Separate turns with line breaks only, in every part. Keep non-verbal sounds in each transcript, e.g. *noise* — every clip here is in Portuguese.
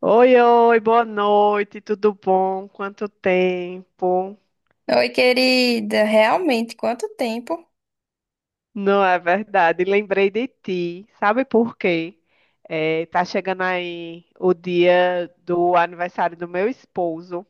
Oi, oi, boa noite, tudo bom? Quanto tempo?
Oi, querida. Realmente, quanto tempo?
Não é verdade, lembrei de ti. Sabe por quê? É, tá chegando aí o dia do aniversário do meu esposo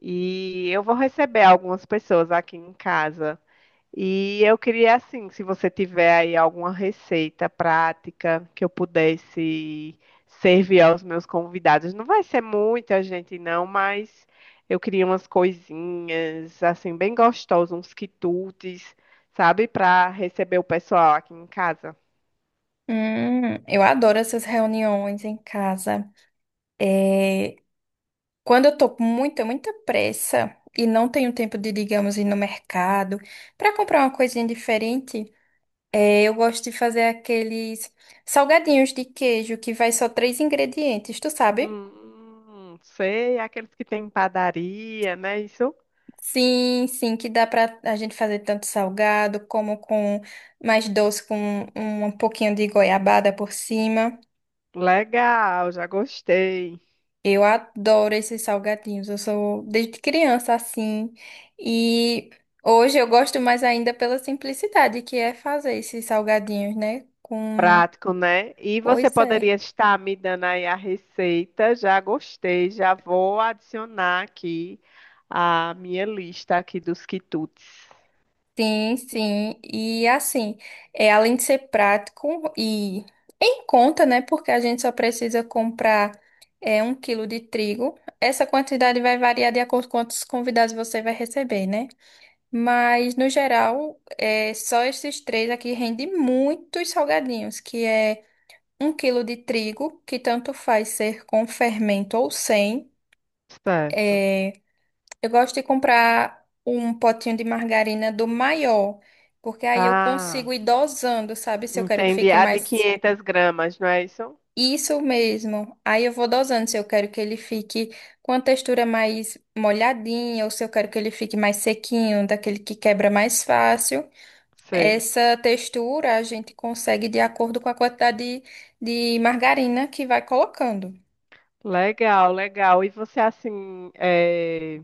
e eu vou receber algumas pessoas aqui em casa. E eu queria, assim, se você tiver aí alguma receita prática que eu pudesse servir aos meus convidados. Não vai ser muita gente, não, mas eu queria umas coisinhas, assim, bem gostosas, uns quitutes, sabe, para receber o pessoal aqui em casa.
Eu adoro essas reuniões em casa. É, quando eu tô com muita pressa e não tenho tempo de, digamos, ir no mercado para comprar uma coisinha diferente, eu gosto de fazer aqueles salgadinhos de queijo que vai só 3 ingredientes, tu sabe?
Sei, aqueles que tem padaria, né? Isso,
Sim, sim, que dá pra a gente fazer tanto salgado como com mais doce com um pouquinho de goiabada por cima.
legal, já gostei.
Eu adoro esses salgadinhos. Eu sou desde criança assim. E hoje eu gosto mais ainda pela simplicidade que é fazer esses salgadinhos, né? Com.
Prático, né? E você
Pois
poderia
é.
estar me dando aí a receita. Já gostei, já vou adicionar aqui a minha lista aqui dos quitutes.
Sim, sim. E assim, é, além de ser prático e em conta, né? Porque a gente só precisa comprar 1 quilo de trigo. Essa quantidade vai variar de acordo com quantos convidados você vai receber, né? Mas, no geral, é, só esses três aqui rende muitos salgadinhos, que é 1 quilo de trigo, que tanto faz ser com fermento ou sem.
Certo.
É, eu gosto de comprar um potinho de margarina do maior, porque aí eu
Ah,
consigo ir dosando, sabe? Se eu quero que
entendi.
fique
A de
mais.
500 gramas, não é isso?
Isso mesmo. Aí eu vou dosando se eu quero que ele fique com a textura mais molhadinha ou se eu quero que ele fique mais sequinho, daquele que quebra mais fácil.
Sei.
Essa textura a gente consegue de acordo com a quantidade de margarina que vai colocando.
Legal, legal. E você, assim,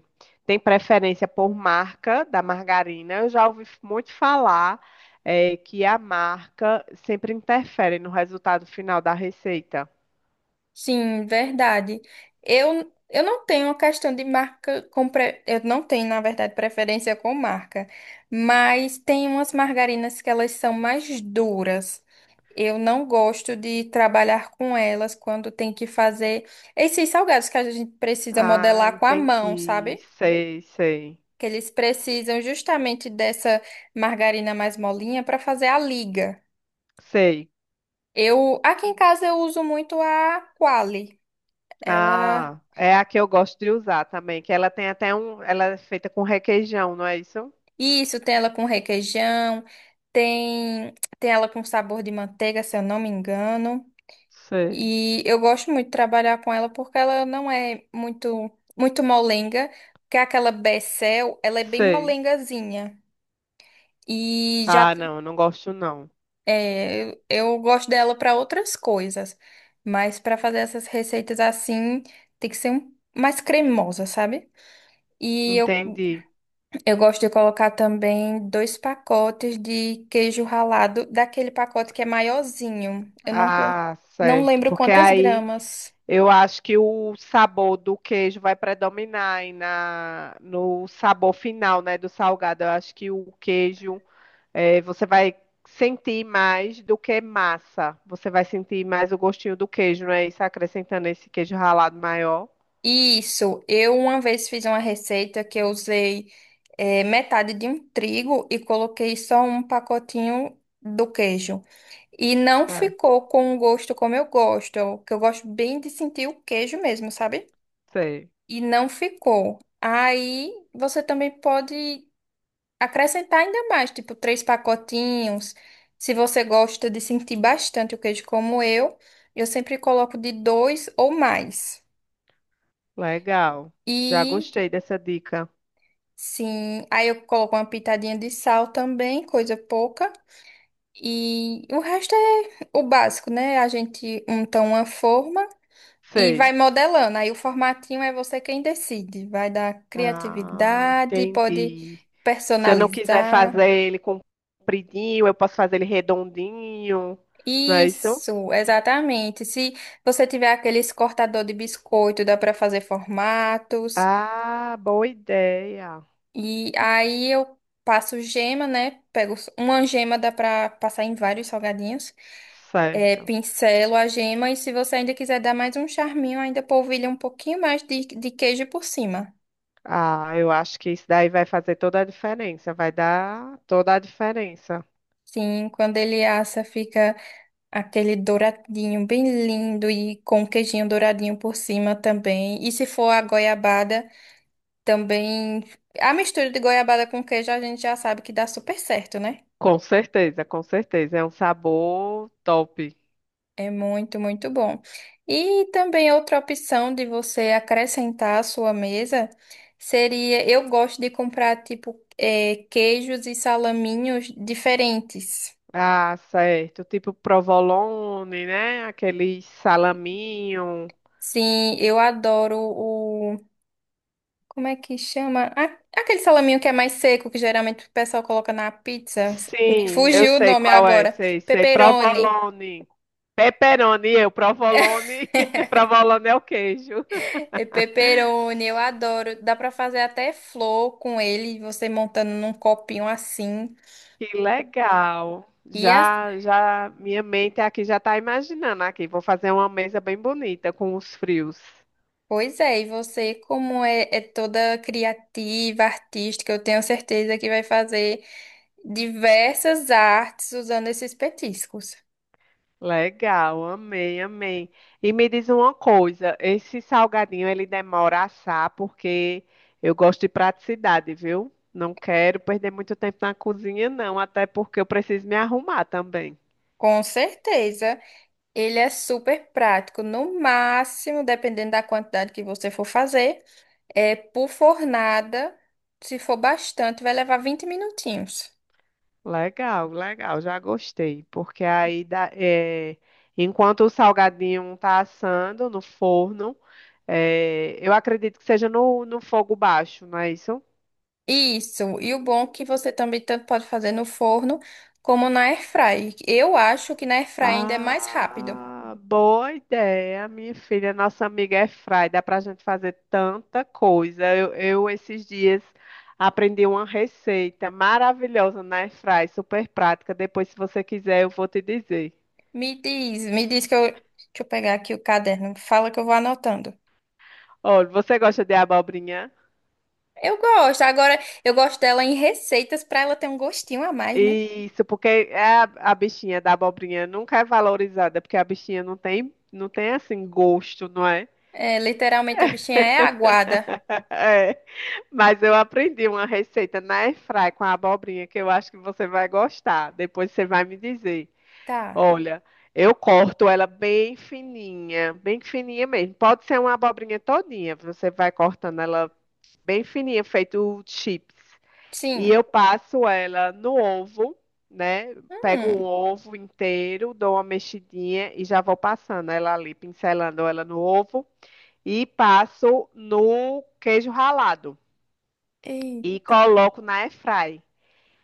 tem preferência por marca da margarina? Eu já ouvi muito falar, que a marca sempre interfere no resultado final da receita.
Sim, verdade. Eu não tenho uma questão de marca, com eu não tenho, na verdade, preferência com marca, mas tem umas margarinas que elas são mais duras. Eu não gosto de trabalhar com elas quando tem que fazer esses salgados que a gente precisa
Ah,
modelar com a mão,
entendi.
sabe?
Sei, sei.
Que eles precisam justamente dessa margarina mais molinha para fazer a liga.
Sei.
Eu, aqui em casa eu uso muito a Qualy. Ela,
Ah, é a que eu gosto de usar também, que ela tem até um, ela é feita com requeijão, não é isso?
isso, tem ela com requeijão, tem ela com sabor de manteiga, se eu não me engano.
Sei,
E eu gosto muito de trabalhar com ela porque ela não é muito molenga, que aquela Becel, ela é bem
sei.
molengazinha. E já
Ah, não, eu não gosto não.
é, eu gosto dela para outras coisas, mas para fazer essas receitas assim, tem que ser mais cremosa, sabe? E
Entendi.
eu gosto de colocar também 2 pacotes de queijo ralado, daquele pacote que é maiorzinho. Eu não tô,
Ah,
não
certo.
lembro
Porque
quantas
aí
gramas.
eu acho que o sabor do queijo vai predominar aí na, no sabor final, né, do salgado. Eu acho que o queijo é, você vai sentir mais do que massa. Você vai sentir mais o gostinho do queijo, não é isso? Acrescentando esse queijo ralado maior.
Isso, eu uma vez fiz uma receita que eu usei metade de um trigo e coloquei só um pacotinho do queijo. E não
É,
ficou com o gosto como eu gosto, que eu gosto bem de sentir o queijo mesmo, sabe?
sei.
E não ficou. Aí você também pode acrescentar ainda mais, tipo 3 pacotinhos. Se você gosta de sentir bastante o queijo como eu sempre coloco de dois ou mais.
Legal. Já
E
gostei dessa dica.
sim, aí eu coloco uma pitadinha de sal também, coisa pouca. E o resto é o básico, né? A gente unta uma forma e vai
Sei.
modelando. Aí o formatinho é você quem decide. Vai dar
Ah,
criatividade, pode
entendi. Se eu não quiser
personalizar.
fazer ele compridinho, eu posso fazer ele redondinho, não é isso?
Isso, exatamente. Se você tiver aqueles cortador de biscoito, dá para fazer formatos.
Ah, boa ideia.
E aí eu passo gema, né? Pego uma gema, dá pra passar em vários salgadinhos. É,
Certo.
pincelo a gema e se você ainda quiser dar mais um charminho, ainda polvilha um pouquinho mais de queijo por cima.
Ah, eu acho que isso daí vai fazer toda a diferença. Vai dar toda a diferença.
Sim, quando ele assa, fica aquele douradinho bem lindo e com um queijinho douradinho por cima também. E se for a goiabada, também. A mistura de goiabada com queijo a gente já sabe que dá super certo, né?
Com certeza, com certeza. É um sabor top.
É muito bom. E também outra opção de você acrescentar à sua mesa seria, eu gosto de comprar tipo queijos e salaminhos diferentes.
Ah, certo. Tipo provolone, né? Aquele salaminho.
Sim, eu adoro o, como é que chama? Aquele salaminho que é mais seco, que geralmente o pessoal coloca na pizza. Me
Sim, eu
fugiu o
sei
nome
qual é.
agora.
Sei, sei.
Pepperoni.
Provolone. Pepperoni, eu. Provolone. *laughs* Provolone é o queijo.
É Pepperoni, eu adoro. Dá pra fazer até flor com ele, você montando num copinho assim.
Que legal.
E as...
Já, já, minha mente aqui já está imaginando aqui. Vou fazer uma mesa bem bonita com os frios.
Pois é, e você, como é, é toda criativa, artística, eu tenho certeza que vai fazer diversas artes usando esses petiscos.
Legal, amei, amei. E me diz uma coisa, esse salgadinho ele demora a assar porque eu gosto de praticidade, viu? Não quero perder muito tempo na cozinha, não, até porque eu preciso me arrumar também.
Com certeza, ele é super prático. No máximo, dependendo da quantidade que você for fazer, é por fornada. Se for bastante, vai levar 20 minutinhos.
Legal, legal, já gostei, porque aí, enquanto o salgadinho tá assando no forno, é, eu acredito que seja no, no fogo baixo, não é isso?
Isso. E o bom é que você também tanto pode fazer no forno como na airfry. Eu acho que na airfry ainda é mais rápido.
Ah, boa ideia, minha filha. Nossa amiga é fry, dá pra gente fazer tanta coisa. Esses dias aprendi uma receita maravilhosa na airfry, super prática. Depois, se você quiser, eu vou te dizer.
Me diz que eu. Deixa eu pegar aqui o caderno. Fala que eu vou anotando.
Olha, você gosta de abobrinha?
Eu gosto. Agora, eu gosto dela em receitas pra ela ter um gostinho a mais, né?
Isso, porque é a bichinha da abobrinha nunca é valorizada, porque a bichinha não tem, não tem assim gosto, não é?
É, literalmente a bichinha é aguada.
*laughs* Mas eu aprendi uma receita na airfry com a abobrinha que eu acho que você vai gostar. Depois você vai me dizer.
Tá.
Olha, eu corto ela bem fininha mesmo. Pode ser uma abobrinha todinha, você vai cortando ela bem fininha, feito chips. E
Sim.
eu passo ela no ovo, né? Pego um
Hum.
ovo inteiro, dou uma mexidinha e já vou passando ela ali, pincelando ela no ovo e passo no queijo ralado e
Eita.
coloco na airfry.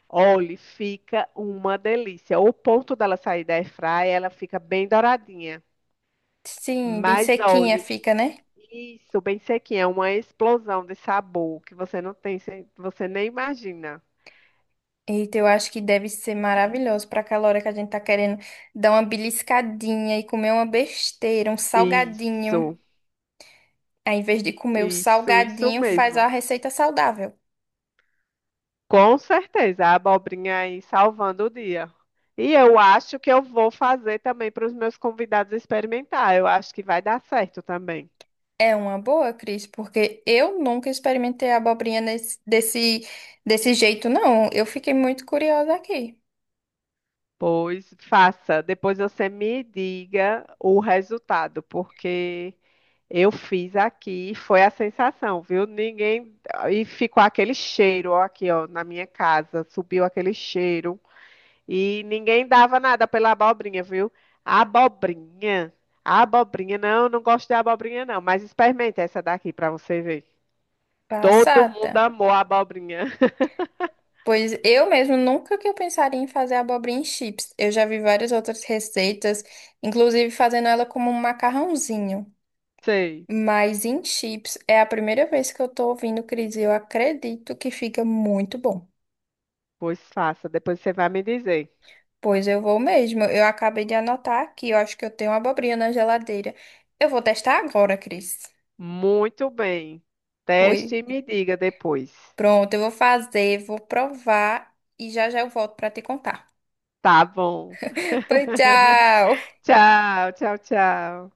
Olha, fica uma delícia. O ponto dela sair da airfry, ela fica bem douradinha.
Sim, bem
Mas
sequinha
olha,
fica, né?
isso, bem sequinha, é uma explosão de sabor que você não tem, você você nem imagina.
Eita, eu acho que deve ser maravilhoso pra aquela hora que a gente tá querendo dar uma beliscadinha e comer uma besteira, um salgadinho.
Isso,
Aí, ao invés de comer o
isso
salgadinho, faz a
mesmo.
receita saudável.
Com certeza, a abobrinha aí salvando o dia. E eu acho que eu vou fazer também para os meus convidados experimentar. Eu acho que vai dar certo também.
É uma boa, Cris, porque eu nunca experimentei a abobrinha desse, desse jeito, não. Eu fiquei muito curiosa aqui,
Pois faça. Depois você me diga o resultado, porque eu fiz aqui e foi a sensação, viu? Ninguém. E ficou aquele cheiro, ó, aqui, ó, na minha casa. Subiu aquele cheiro. E ninguém dava nada pela abobrinha, viu? A abobrinha. A abobrinha, não, não gosto de abobrinha, não. Mas experimente essa daqui para você ver. Todo
passada.
mundo amou a abobrinha. *laughs*
Pois eu mesmo nunca que eu pensaria em fazer abobrinha em chips. Eu já vi várias outras receitas, inclusive fazendo ela como um macarrãozinho.
Sei.
Mas em chips é a primeira vez que eu tô ouvindo, Cris, e eu acredito que fica muito bom.
Pois faça. Depois você vai me dizer.
Pois eu vou mesmo. Eu acabei de anotar aqui, eu acho que eu tenho uma abobrinha na geladeira. Eu vou testar agora, Cris.
Muito bem. Teste
Oi.
e me diga depois.
Pronto, eu vou fazer, vou provar e já já eu volto para te contar.
Tá bom.
*laughs* Pois
*laughs*
tchau.
Tchau, tchau, tchau.